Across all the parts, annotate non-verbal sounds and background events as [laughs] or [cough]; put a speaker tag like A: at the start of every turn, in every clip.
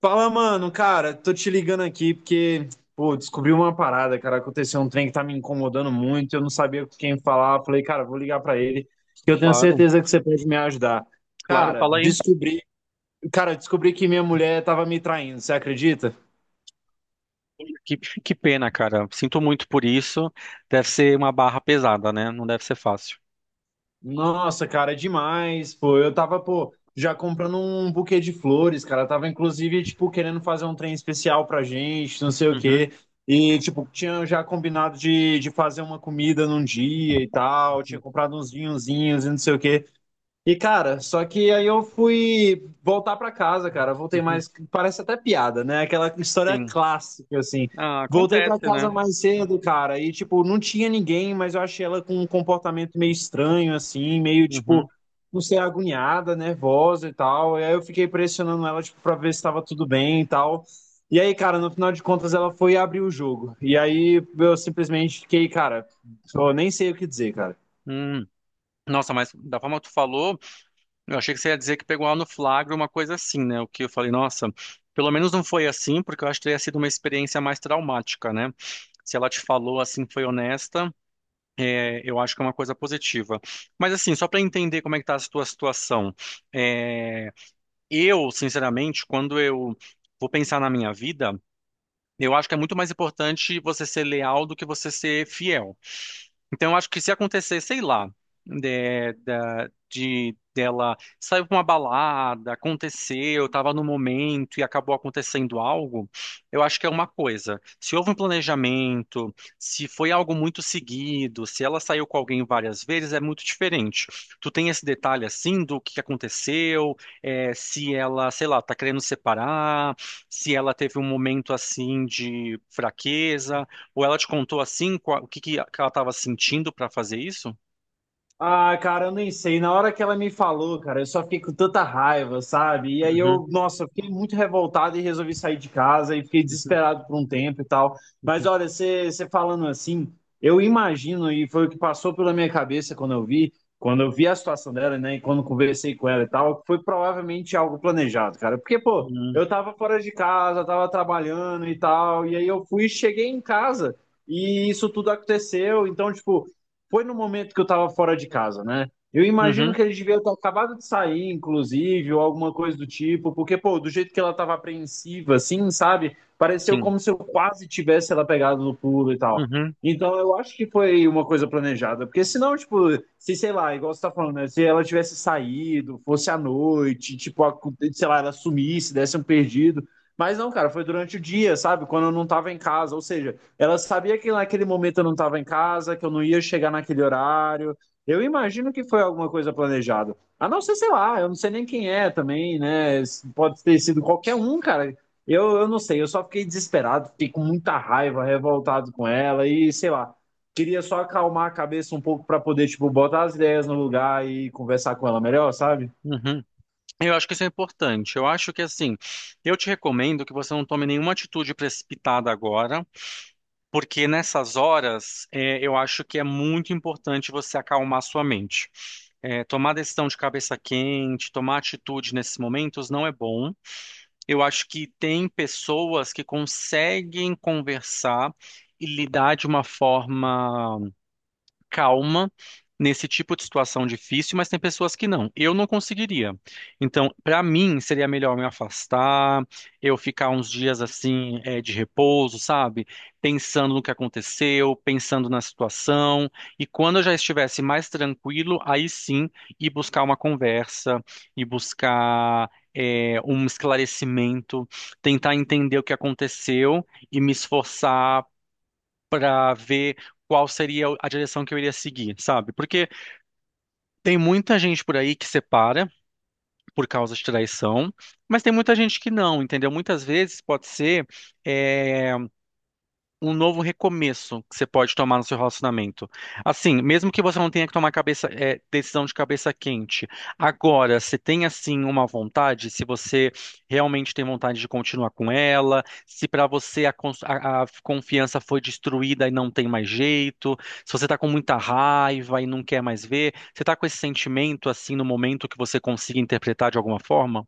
A: Fala, mano, cara, tô te ligando aqui porque, pô, descobri uma parada, cara, aconteceu um trem que tá me incomodando muito, eu não sabia com quem falar, falei, cara, vou ligar pra ele, que eu tenho
B: Claro,
A: certeza que você pode me ajudar.
B: claro,
A: Cara,
B: fala aí.
A: descobri, cara, descobri que minha mulher tava me traindo, você acredita?
B: Que pena, cara. Sinto muito por isso. Deve ser uma barra pesada, né? Não deve ser fácil.
A: Nossa, cara, é demais, pô. Eu tava, pô, já comprando um buquê de flores, cara. Eu tava, inclusive, tipo, querendo fazer um trem especial pra gente, não sei o
B: Uhum,
A: quê. E, tipo, tinha já combinado de fazer uma comida num dia e tal. Tinha
B: uhum,
A: comprado uns vinhozinhos e não sei o quê. E, cara, só que aí eu fui voltar pra casa, cara. Voltei
B: uhum,
A: mais. Parece até piada, né? Aquela história
B: sim.
A: clássica, assim.
B: Ah,
A: Voltei pra
B: acontece, né?
A: casa mais cedo, cara. E, tipo, não tinha ninguém, mas eu achei ela com um comportamento meio estranho, assim, meio,
B: Uhum,
A: tipo, não sei, agoniada, nervosa e tal. E aí eu fiquei pressionando ela, tipo, pra ver se tava tudo bem e tal. E aí, cara, no final de contas, ela foi abrir o jogo. E aí eu simplesmente fiquei, cara, eu nem sei o que dizer, cara.
B: hum. Nossa, mas da forma que tu falou, eu achei que você ia dizer que pegou lá no flagra uma coisa assim, né? O que eu falei, nossa, pelo menos não foi assim, porque eu acho que teria sido uma experiência mais traumática, né? Se ela te falou assim, foi honesta, é, eu acho que é uma coisa positiva. Mas assim, só para entender como é que tá a tua situação. É, eu, sinceramente, quando eu vou pensar na minha vida, eu acho que é muito mais importante você ser leal do que você ser fiel. Então, eu acho que se acontecer, sei lá, dela saiu pra uma balada, aconteceu, estava no momento e acabou acontecendo algo, eu acho que é uma coisa. Se houve um planejamento, se foi algo muito seguido, se ela saiu com alguém várias vezes, é muito diferente. Tu tem esse detalhe assim do que aconteceu, é, se ela, sei lá, tá querendo separar, se ela teve um momento assim de fraqueza. Ou ela te contou assim, o que que ela estava sentindo para fazer isso?
A: Ah, cara, eu nem sei. Na hora que ela me falou, cara, eu só fiquei com tanta raiva, sabe? E aí
B: Uhum,
A: eu, nossa, eu fiquei muito revoltado e resolvi sair de casa e fiquei
B: uhum,
A: desesperado por um tempo e tal. Mas
B: uhum,
A: olha, você falando assim, eu imagino, e foi o que passou pela minha cabeça quando eu vi a situação dela, né, e quando conversei com ela e tal, foi provavelmente algo planejado, cara. Porque, pô,
B: uhum,
A: eu tava fora de casa, tava trabalhando e tal, e aí eu fui, cheguei em casa e isso tudo aconteceu. Então, tipo, foi no momento que eu tava fora de casa, né? Eu imagino
B: uhum,
A: que ele devia ter acabado de sair, inclusive, ou alguma coisa do tipo, porque, pô, do jeito que ela tava apreensiva, assim, sabe? Pareceu
B: sim.
A: como se eu quase tivesse ela pegado no pulo e tal.
B: Uhum,
A: Então, eu acho que foi uma coisa planejada, porque senão, tipo, se, sei lá, igual você tá falando, né? Se ela tivesse saído, fosse à noite, tipo, sei lá, ela sumisse, desse um perdido. Mas não, cara, foi durante o dia, sabe? Quando eu não tava em casa, ou seja. Ela sabia que naquele momento eu não estava em casa, que eu não ia chegar naquele horário. Eu imagino que foi alguma coisa planejada. A não ser, sei lá, eu não sei nem quem é também, né? Pode ter sido qualquer um, cara. Eu não sei, eu só fiquei desesperado, fiquei com muita raiva, revoltado com ela e sei lá. Queria só acalmar a cabeça um pouco para poder, tipo, botar as ideias no lugar e conversar com ela melhor, sabe?
B: uhum. Eu acho que isso é importante. Eu acho que assim, eu te recomendo que você não tome nenhuma atitude precipitada agora, porque nessas horas, é, eu acho que é muito importante você acalmar sua mente. É, tomar decisão de cabeça quente, tomar atitude nesses momentos não é bom. Eu acho que tem pessoas que conseguem conversar e lidar de uma forma calma nesse tipo de situação difícil, mas tem pessoas que não. Eu não conseguiria. Então, para mim, seria melhor me afastar, eu ficar uns dias assim, de repouso, sabe? Pensando no que aconteceu, pensando na situação. E quando eu já estivesse mais tranquilo, aí sim, ir buscar uma conversa, ir buscar, um esclarecimento, tentar entender o que aconteceu e me esforçar para ver qual seria a direção que eu iria seguir, sabe? Porque tem muita gente por aí que separa por causa de traição, mas tem muita gente que não, entendeu? Muitas vezes pode ser eh, um novo recomeço que você pode tomar no seu relacionamento. Assim, mesmo que você não tenha que tomar cabeça, é, decisão de cabeça quente, agora, se tem assim uma vontade, se você realmente tem vontade de continuar com ela, se para você a confiança foi destruída e não tem mais jeito, se você tá com muita raiva e não quer mais ver, você tá com esse sentimento assim no momento que você consiga interpretar de alguma forma?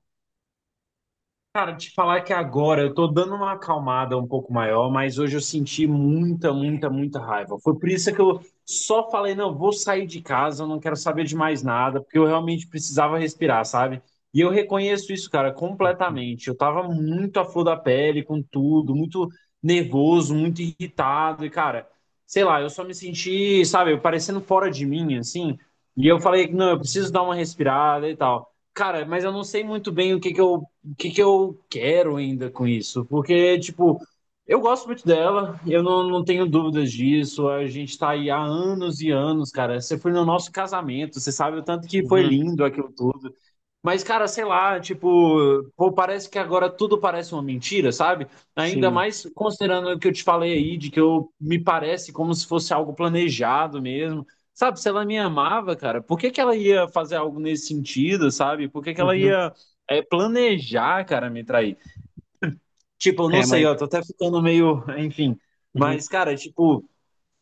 A: Cara, te falar que agora eu tô dando uma acalmada um pouco maior, mas hoje eu senti muita, muita, muita raiva. Foi por isso que eu só falei, não, eu vou sair de casa, eu não quero saber de mais nada, porque eu realmente precisava respirar, sabe? E eu reconheço isso, cara, completamente. Eu tava muito à flor da pele com tudo, muito nervoso, muito irritado, e cara, sei lá, eu só me senti, sabe, parecendo fora de mim, assim. E eu falei, não, eu preciso dar uma respirada e tal. Cara, mas eu não sei muito bem o que que eu quero ainda com isso? Porque, tipo, eu gosto muito dela, eu não tenho dúvidas disso. A gente tá aí há anos e anos, cara. Você foi no nosso casamento, você sabe o tanto que foi
B: Uhum,
A: lindo aquilo tudo. Mas, cara, sei lá, tipo, pô, parece que agora tudo parece uma mentira, sabe? Ainda
B: sim.
A: mais considerando o que eu te falei aí, de que eu me parece como se fosse algo planejado mesmo. Sabe, se ela me amava, cara, por que que ela ia fazer algo nesse sentido, sabe? Por que que ela
B: Uhum.
A: ia planejar, cara, me trair? Tipo, eu não
B: É,
A: sei,
B: mas.
A: ó, tô até ficando meio, [laughs] enfim.
B: Uhum.
A: Mas, cara, tipo,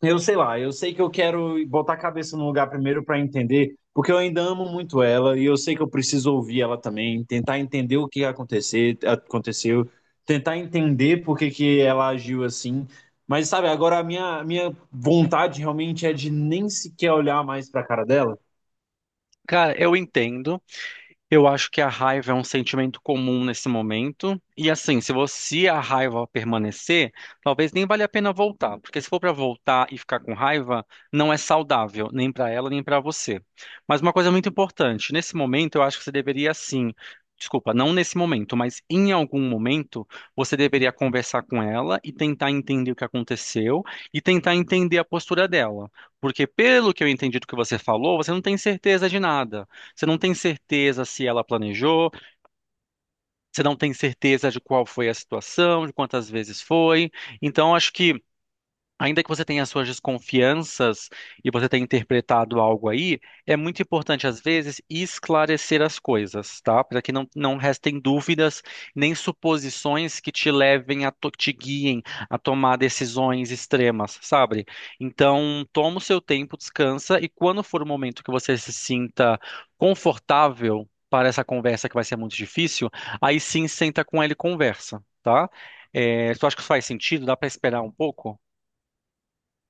A: eu sei lá, eu sei que eu quero botar a cabeça no lugar primeiro para entender, porque eu ainda amo muito ela e eu sei que eu preciso ouvir ela também, tentar entender aconteceu, tentar entender por que que ela agiu assim. Mas sabe, agora a minha vontade realmente é de nem sequer olhar mais para a cara dela.
B: Cara, eu entendo. Eu acho que a raiva é um sentimento comum nesse momento. E assim, se você a raiva permanecer, talvez nem valha a pena voltar, porque se for para voltar e ficar com raiva, não é saudável, nem para ela, nem para você. Mas uma coisa muito importante, nesse momento eu acho que você deveria sim, desculpa, não nesse momento, mas em algum momento você deveria conversar com ela e tentar entender o que aconteceu e tentar entender a postura dela, porque pelo que eu entendi do que você falou, você não tem certeza de nada. Você não tem certeza se ela planejou, você não tem certeza de qual foi a situação, de quantas vezes foi. Então, acho que ainda que você tenha suas desconfianças e você tenha interpretado algo aí, é muito importante, às vezes, esclarecer as coisas, tá? Para que não restem dúvidas nem suposições que te levem te guiem a tomar decisões extremas, sabe? Então, toma o seu tempo, descansa e quando for o momento que você se sinta confortável para essa conversa que vai ser muito difícil, aí sim senta com ele e conversa, tá? É, tu acha que isso faz sentido? Dá para esperar um pouco?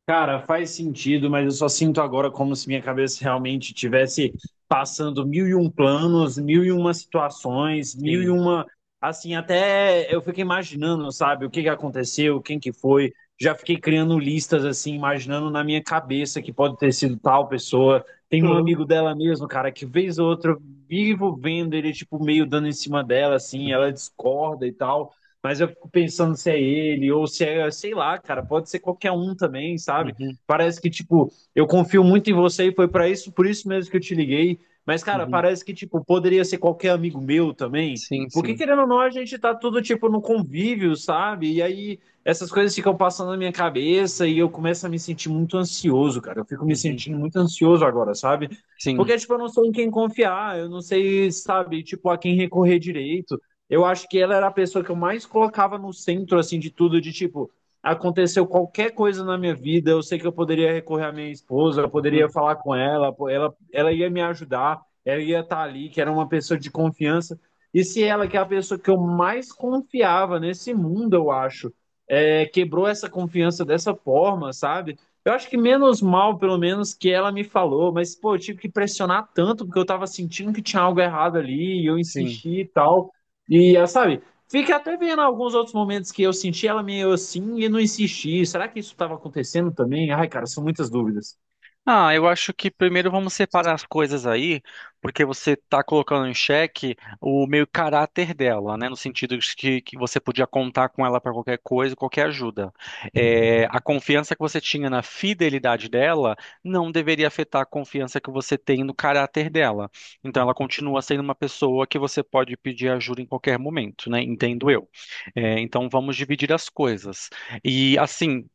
A: Cara, faz sentido, mas eu só sinto agora como se minha cabeça realmente tivesse passando mil e um planos, mil e uma situações, mil e
B: Sim.
A: uma. Assim, até eu fico imaginando, sabe, o que que aconteceu, quem que foi. Já fiquei criando listas, assim, imaginando na minha cabeça que pode ter sido tal pessoa. Tem um
B: Uhum,
A: amigo dela mesmo, cara, que vez ou outra eu vivo vendo ele, tipo, meio dando em cima dela, assim, ela
B: uhum,
A: discorda e tal. Mas eu fico pensando se é ele ou se é, sei lá, cara, pode ser qualquer um também, sabe?
B: uhum,
A: Parece que, tipo, eu confio muito em você e foi pra isso, por isso mesmo que eu te liguei. Mas, cara,
B: uhum.
A: parece que, tipo, poderia ser qualquer amigo meu também.
B: Sim,
A: Porque,
B: sim.
A: querendo ou não, a gente tá tudo, tipo, no convívio, sabe? E aí essas coisas ficam passando na minha cabeça e eu começo a me sentir muito ansioso, cara. Eu fico me
B: Uhum,
A: sentindo muito ansioso agora, sabe?
B: sim.
A: Porque, tipo, eu não sou em quem confiar, eu não sei, sabe, tipo, a quem recorrer direito. Eu acho que ela era a pessoa que eu mais colocava no centro, assim, de tudo, de tipo, aconteceu qualquer coisa na minha vida, eu sei que eu poderia recorrer à minha esposa, eu poderia
B: Uhum,
A: falar com ela, pô, ela ia me ajudar, ela ia estar ali, que era uma pessoa de confiança. E se ela, que é a pessoa que eu mais confiava nesse mundo, eu acho, quebrou essa confiança dessa forma, sabe? Eu acho que menos mal, pelo menos, que ela me falou, mas, pô, eu tive que pressionar tanto, porque eu tava sentindo que tinha algo errado ali, e eu
B: sim.
A: insisti e tal. E ela, sabe, fica até vendo alguns outros momentos que eu senti ela meio assim e não insisti. Será que isso estava acontecendo também? Ai, cara, são muitas dúvidas.
B: Ah, eu acho que primeiro vamos separar as coisas aí, porque você está colocando em xeque o meio caráter dela, né? No sentido de que você podia contar com ela para qualquer coisa, qualquer ajuda. É, a confiança que você tinha na fidelidade dela não deveria afetar a confiança que você tem no caráter dela. Então, ela continua sendo uma pessoa que você pode pedir ajuda em qualquer momento, né? Entendo eu. É, então, vamos dividir as coisas. E assim,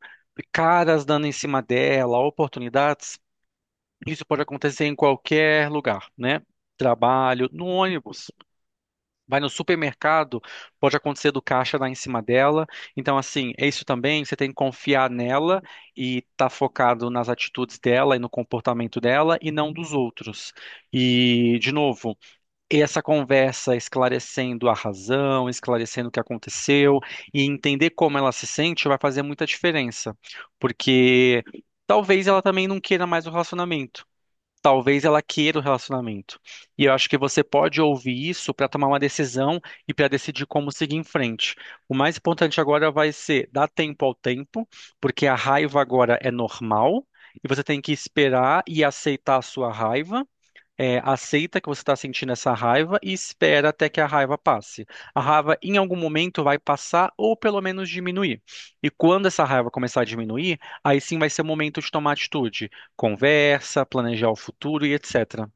B: caras dando em cima dela, oportunidades, isso pode acontecer em qualquer lugar, né? Trabalho, no ônibus, vai no supermercado, pode acontecer do caixa dar em cima dela. Então, assim, é isso também. Você tem que confiar nela e estar focado nas atitudes dela e no comportamento dela e não dos outros. E, de novo, essa conversa esclarecendo a razão, esclarecendo o que aconteceu e entender como ela se sente vai fazer muita diferença, porque talvez ela também não queira mais o relacionamento, talvez ela queira o relacionamento. E eu acho que você pode ouvir isso para tomar uma decisão e para decidir como seguir em frente. O mais importante agora vai ser dar tempo ao tempo, porque a raiva agora é normal. E você tem que esperar e aceitar a sua raiva, é, aceita que você está sentindo essa raiva e espera até que a raiva passe. A raiva, em algum momento, vai passar ou pelo menos diminuir. E quando essa raiva começar a diminuir, aí sim vai ser o momento de tomar atitude, conversa, planejar o futuro e etc.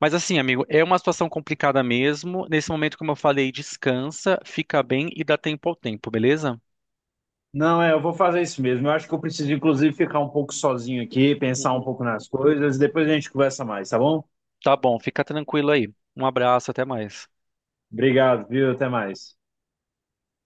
B: Mas assim, amigo, é uma situação complicada mesmo. Nesse momento, como eu falei, descansa, fica bem e dá tempo ao tempo, beleza?
A: Não, é, eu vou fazer isso mesmo. Eu acho que eu preciso, inclusive, ficar um pouco sozinho aqui, pensar um
B: Uhum.
A: pouco nas coisas, e depois a gente conversa mais, tá bom?
B: Tá bom, fica tranquilo aí. Um abraço, até mais.
A: Obrigado, viu? Até mais.